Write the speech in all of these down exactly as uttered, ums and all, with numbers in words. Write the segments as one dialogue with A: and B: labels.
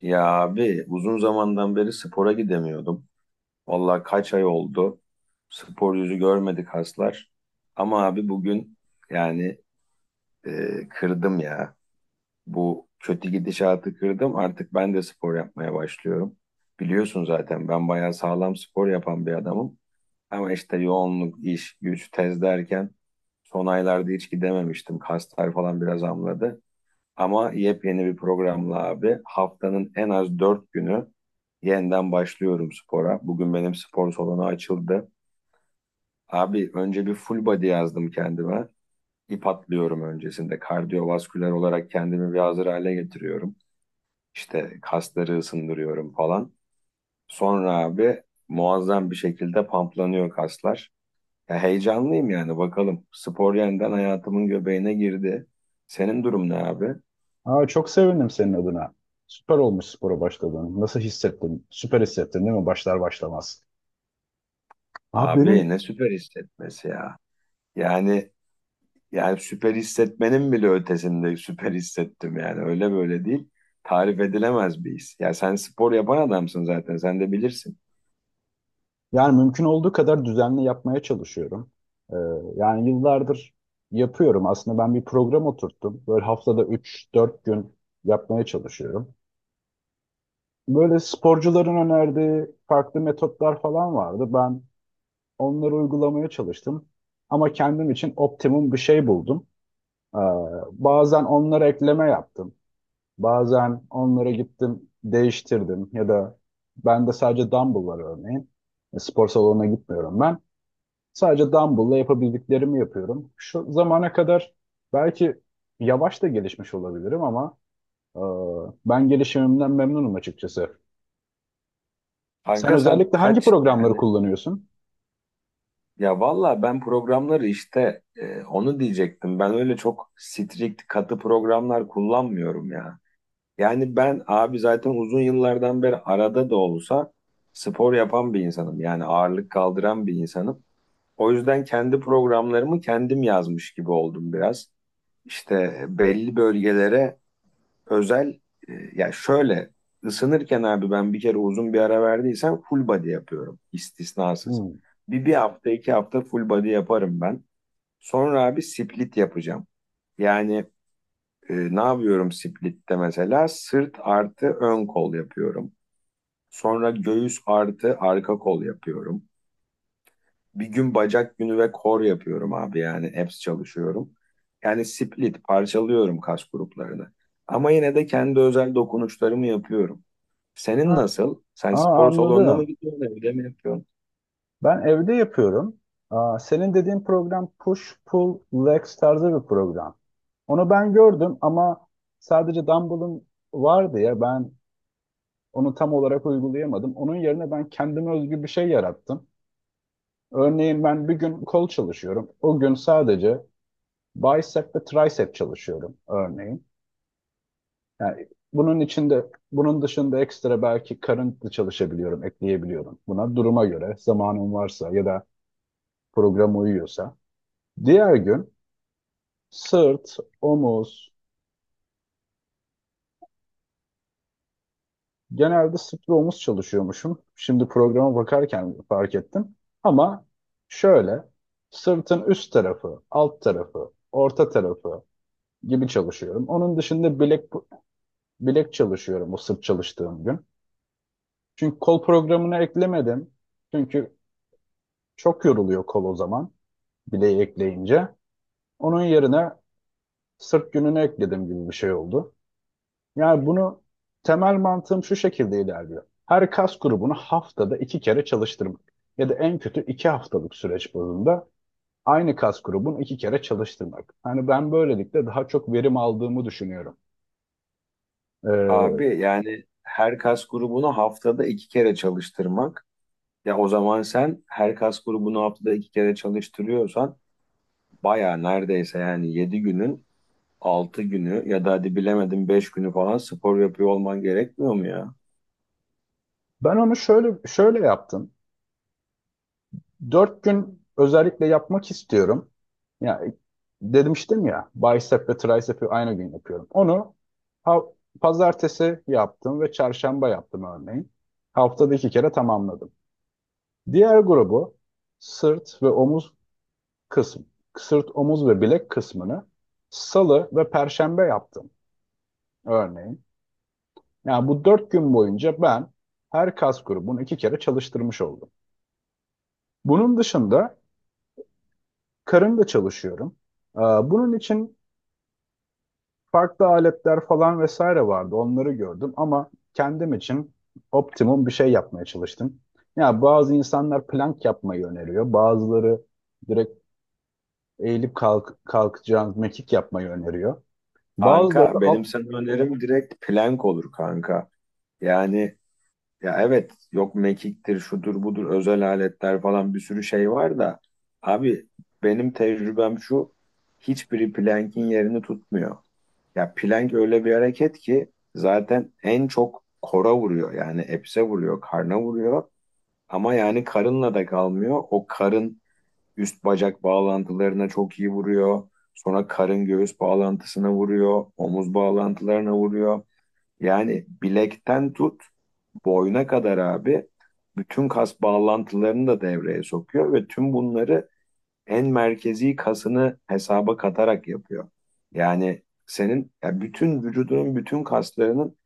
A: Ya abi uzun zamandan beri spora gidemiyordum. Vallahi kaç ay oldu. Spor yüzü görmedik haslar. Ama abi bugün yani e, kırdım ya. Bu kötü gidişatı kırdım. Artık ben de spor yapmaya başlıyorum. Biliyorsun zaten ben bayağı sağlam spor yapan bir adamım. Ama işte yoğunluk, iş, güç, tez derken son aylarda hiç gidememiştim. Kaslar falan biraz amladı. Ama yepyeni bir programla abi haftanın en az dört günü yeniden başlıyorum spora. Bugün benim spor salonu açıldı. Abi önce bir full body yazdım kendime. İp atlıyorum öncesinde. Kardiyovasküler olarak kendimi bir hazır hale getiriyorum. İşte kasları ısındırıyorum falan. Sonra abi muazzam bir şekilde pamplanıyor kaslar. Ya heyecanlıyım yani bakalım. Spor yeniden hayatımın göbeğine girdi. Senin durum ne abi?
B: Aa, çok sevindim senin adına. Süper olmuş spora başladığın. Nasıl hissettin? Süper hissettin değil mi? Başlar başlamaz. Aa,
A: Abi
B: benim
A: ne süper hissetmesi ya. Yani Yani süper hissetmenin bile ötesinde süper hissettim yani. Öyle böyle değil. Tarif edilemez bir his. Ya sen spor yapan adamsın zaten. Sen de bilirsin.
B: yani mümkün olduğu kadar düzenli yapmaya çalışıyorum. Ee, Yani yıllardır yapıyorum. Aslında ben bir program oturttum. Böyle haftada üç dört gün yapmaya çalışıyorum. Böyle sporcuların önerdiği farklı metotlar falan vardı. Ben onları uygulamaya çalıştım. Ama kendim için optimum bir şey buldum. Ee, Bazen onlara ekleme yaptım. Bazen onlara gittim, değiştirdim ya da ben de sadece dumbbell var örneğin. E, Spor salonuna gitmiyorum ben. Sadece dumbbell'la yapabildiklerimi yapıyorum. Şu zamana kadar belki yavaş da gelişmiş olabilirim ama e, ben gelişimimden memnunum açıkçası. Sen
A: Kanka sen
B: özellikle hangi
A: kaç
B: programları
A: yani?
B: kullanıyorsun?
A: Ya valla ben programları işte e, onu diyecektim. Ben öyle çok strict katı programlar kullanmıyorum ya. Yani ben abi zaten uzun yıllardan beri arada da olsa spor yapan bir insanım. Yani ağırlık kaldıran bir insanım. O yüzden kendi programlarımı kendim yazmış gibi oldum biraz. İşte belli bölgelere özel e, ya şöyle ısınırken abi ben bir kere uzun bir ara verdiysem full body yapıyorum istisnasız.
B: Hmm.
A: Bir, bir hafta iki hafta full body yaparım ben. Sonra abi split yapacağım. Yani e, ne yapıyorum splitte mesela? Sırt artı ön kol yapıyorum. Sonra göğüs artı arka kol yapıyorum. Bir gün bacak günü ve kor yapıyorum abi yani abs çalışıyorum. Yani split parçalıyorum kas gruplarını. Ama yine de kendi özel dokunuşlarımı yapıyorum. Senin
B: Ha,
A: nasıl? Sen
B: aa,
A: spor salonuna mı
B: anladım.
A: gidiyorsun, evde mi yapıyorsun?
B: Ben evde yapıyorum. Aa, senin dediğin program push, pull, legs tarzı bir program. Onu ben gördüm ama sadece Dumble'ın vardı ya ben onu tam olarak uygulayamadım. Onun yerine ben kendime özgü bir şey yarattım. Örneğin ben bir gün kol çalışıyorum. O gün sadece bicep ve tricep çalışıyorum örneğin. Yani bunun içinde bunun dışında ekstra belki karın da çalışabiliyorum, ekleyebiliyorum. Buna duruma göre zamanım varsa ya da program uyuyorsa. Diğer gün sırt, omuz, genelde sırt ve omuz çalışıyormuşum. Şimdi programa bakarken fark ettim. Ama şöyle sırtın üst tarafı, alt tarafı, orta tarafı gibi çalışıyorum. Onun dışında bilek bilek çalışıyorum o sırt çalıştığım gün. Çünkü kol programına eklemedim. Çünkü çok yoruluyor kol o zaman bileği ekleyince. Onun yerine sırt gününü ekledim gibi bir şey oldu. Yani bunu temel mantığım şu şekilde ilerliyor. Her kas grubunu haftada iki kere çalıştırmak ya da en kötü iki haftalık süreç bazında aynı kas grubunu iki kere çalıştırmak. Hani ben böylelikle daha çok verim aldığımı düşünüyorum. Ee,
A: Abi yani her kas grubunu haftada iki kere çalıştırmak. Ya o zaman sen her kas grubunu haftada iki kere çalıştırıyorsan baya neredeyse yani yedi günün altı günü ya da hadi bilemedim beş günü falan spor yapıyor olman gerekmiyor mu ya?
B: Ben onu şöyle şöyle yaptım. Dört gün özellikle yapmak istiyorum. Ya demiştim ya bicep ve tricep'i aynı gün yapıyorum. Onu ha- pazartesi yaptım ve çarşamba yaptım örneğin. Haftada iki kere tamamladım. Diğer grubu sırt ve omuz kısım, sırt, omuz ve bilek kısmını salı ve perşembe yaptım örneğin. Yani bu dört gün boyunca ben her kas grubunu iki kere çalıştırmış oldum. Bunun dışında karın da çalışıyorum. Ee, Bunun için farklı aletler falan vesaire vardı. Onları gördüm ama kendim için optimum bir şey yapmaya çalıştım. Ya bazı insanlar plank yapmayı öneriyor. Bazıları direkt eğilip kalk, kalkacağın mekik yapmayı öneriyor. Bazıları da
A: Kanka benim
B: alt...
A: sana önerim direkt plank olur kanka. Yani ya evet yok mekiktir şudur budur özel aletler falan bir sürü şey var da abi benim tecrübem şu, hiçbiri plank'in yerini tutmuyor. Ya plank öyle bir hareket ki zaten en çok kora vuruyor yani epse vuruyor karna vuruyor ama yani karınla da kalmıyor, o karın üst bacak bağlantılarına çok iyi vuruyor. Sonra karın göğüs bağlantısına vuruyor. Omuz bağlantılarına vuruyor. Yani bilekten tut boyuna kadar abi bütün kas bağlantılarını da devreye sokuyor ve tüm bunları en merkezi kasını hesaba katarak yapıyor. Yani senin ya bütün vücudunun bütün kaslarının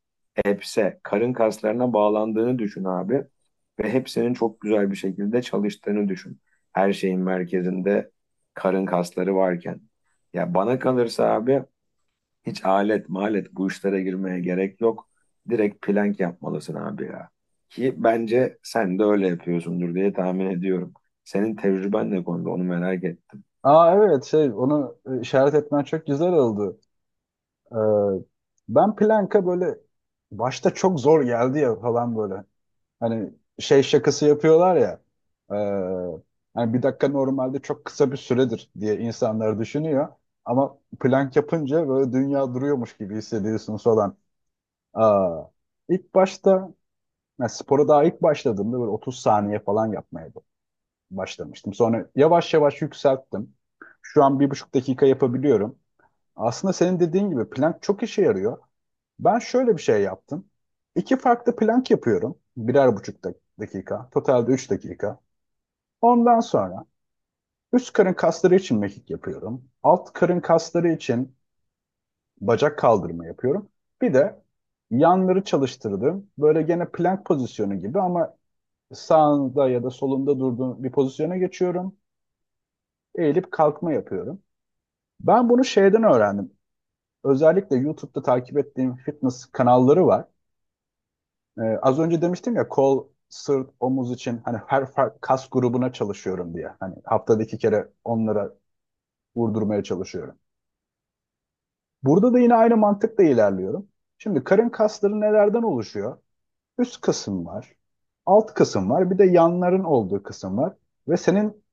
A: hepse karın kaslarına bağlandığını düşün abi ve hepsinin çok güzel bir şekilde çalıştığını düşün. Her şeyin merkezinde karın kasları varken. Ya bana kalırsa abi hiç alet malet bu işlere girmeye gerek yok. Direkt plank yapmalısın abi ya. Ki bence sen de öyle yapıyorsundur diye tahmin ediyorum. Senin tecrüben ne konuda onu merak ettim.
B: Aa evet şey onu e, işaret etmen çok güzel oldu. Ee, Ben planka böyle başta çok zor geldi ya falan böyle. Hani şey şakası yapıyorlar ya. e, Hani bir dakika normalde çok kısa bir süredir diye insanlar düşünüyor. Ama plank yapınca böyle dünya duruyormuş gibi hissediyorsunuz falan. Aa, ilk başta yani spora daha ilk başladığımda böyle otuz saniye falan yapmaya başlamıştım. Sonra yavaş yavaş yükselttim. Şu an bir buçuk dakika yapabiliyorum. Aslında senin dediğin gibi plank çok işe yarıyor. Ben şöyle bir şey yaptım. İki farklı plank yapıyorum. Birer buçuk dak- dakika. Totalde üç dakika. Ondan sonra üst karın kasları için mekik yapıyorum. Alt karın kasları için bacak kaldırma yapıyorum. Bir de yanları çalıştırdım. Böyle gene plank pozisyonu gibi ama sağında ya da solunda durduğum bir pozisyona geçiyorum. Eğilip kalkma yapıyorum. Ben bunu şeyden öğrendim. Özellikle YouTube'da takip ettiğim fitness kanalları var. Ee, az önce demiştim ya kol, sırt, omuz için hani her farklı kas grubuna çalışıyorum diye. Hani haftada iki kere onlara vurdurmaya çalışıyorum. Burada da yine aynı mantıkla ilerliyorum. Şimdi karın kasları nelerden oluşuyor? Üst kısım var, alt kısım var, bir de yanların olduğu kısım var. Ve senin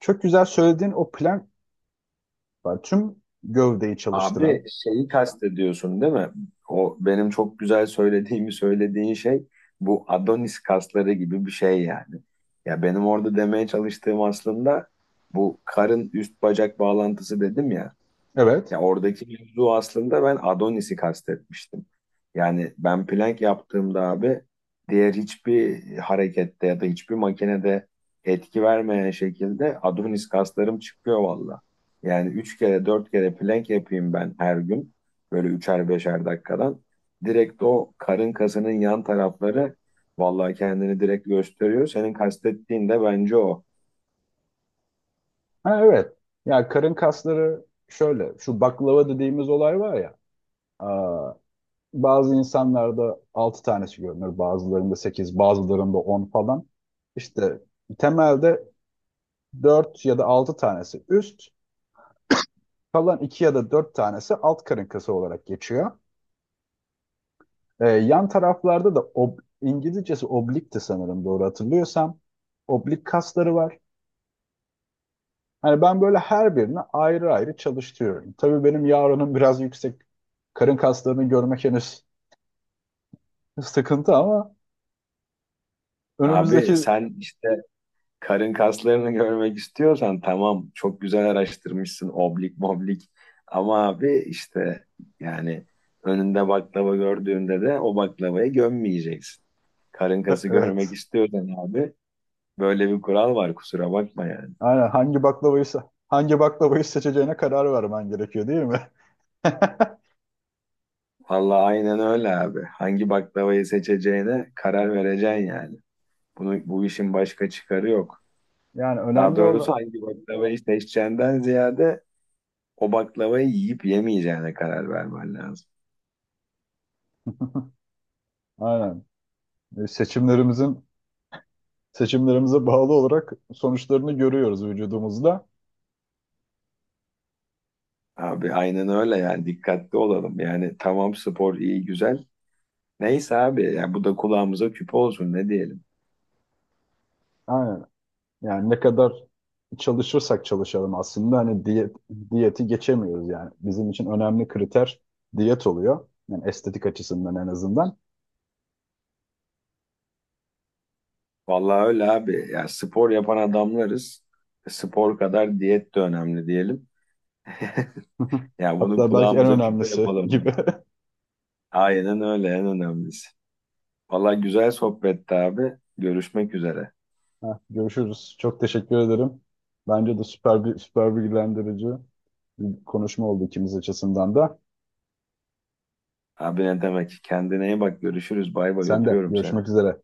B: çok güzel söylediğin o plank var. Tüm gövdeyi çalıştıran.
A: Abi şeyi kastediyorsun değil mi? O benim çok güzel söylediğimi söylediğin şey bu Adonis kasları gibi bir şey yani. Ya benim orada demeye çalıştığım aslında bu karın üst bacak bağlantısı dedim ya.
B: Evet.
A: Ya oradaki mevzu aslında ben Adonis'i kastetmiştim. Yani ben plank yaptığımda abi diğer hiçbir harekette ya da hiçbir makinede etki vermeyen şekilde Adonis kaslarım çıkıyor valla. Yani üç kere dört kere plank yapayım ben her gün böyle üçer beşer dakikadan. Direkt o karın kasının yan tarafları valla kendini direkt gösteriyor. Senin kastettiğin de bence o.
B: Ha, evet. Ya karın kasları şöyle. Şu baklava dediğimiz olay var ya. aa, Bazı insanlarda altı tanesi görünür. Bazılarında sekiz, bazılarında on falan. İşte temelde dört ya da altı tanesi üst. Kalan iki ya da dört tanesi alt karın kası olarak geçiyor. Ee, yan taraflarda da ob- İngilizcesi oblikti sanırım doğru hatırlıyorsam. Oblik kasları var. Hani ben böyle her birini ayrı ayrı çalıştırıyorum. Tabii benim yarınım biraz yüksek. Karın kaslarını görmek henüz sıkıntı ama
A: Abi
B: önümüzdeki
A: sen işte karın kaslarını görmek istiyorsan tamam çok güzel araştırmışsın oblik moblik ama abi işte yani önünde baklava gördüğünde de o baklavayı gömmeyeceksin. Karın
B: E-
A: kası görmek
B: evet.
A: istiyorsan abi böyle bir kural var, kusura bakma yani.
B: Aynen hangi baklavayı se- hangi baklavayı seçeceğine karar vermen gerekiyor değil mi?
A: Vallahi aynen öyle abi. Hangi baklavayı seçeceğine karar vereceksin yani. Bunu, bu işin başka çıkarı yok.
B: Yani
A: Daha
B: önemli
A: doğrusu
B: olan
A: hangi baklavayı seçeceğinden ziyade o baklavayı yiyip yemeyeceğine karar vermen lazım.
B: aynen. E, seçimlerimizin Seçimlerimize bağlı olarak sonuçlarını görüyoruz vücudumuzda.
A: Abi aynen öyle yani dikkatli olalım. Yani tamam spor iyi güzel. Neyse abi ya bu da kulağımıza küpe olsun ne diyelim.
B: Aynen. Yani ne kadar çalışırsak çalışalım aslında hani diyet, diyeti geçemiyoruz yani. Bizim için önemli kriter diyet oluyor. Yani estetik açısından en azından.
A: Vallahi öyle abi. Ya spor yapan adamlarız. Spor kadar diyet de önemli diyelim. Ya bunu
B: Hatta belki en
A: kulağımıza küpe
B: önemlisi
A: yapalım.
B: gibi.
A: Aynen öyle en önemlisi. Vallahi güzel sohbetti abi. Görüşmek üzere.
B: Heh, görüşürüz. Çok teşekkür ederim. Bence de süper bir süper bilgilendirici bir konuşma oldu ikimiz açısından da.
A: Abi ne demek? Kendine iyi bak. Görüşürüz. Bay bay
B: Sen de
A: öpüyorum seni.
B: görüşmek üzere.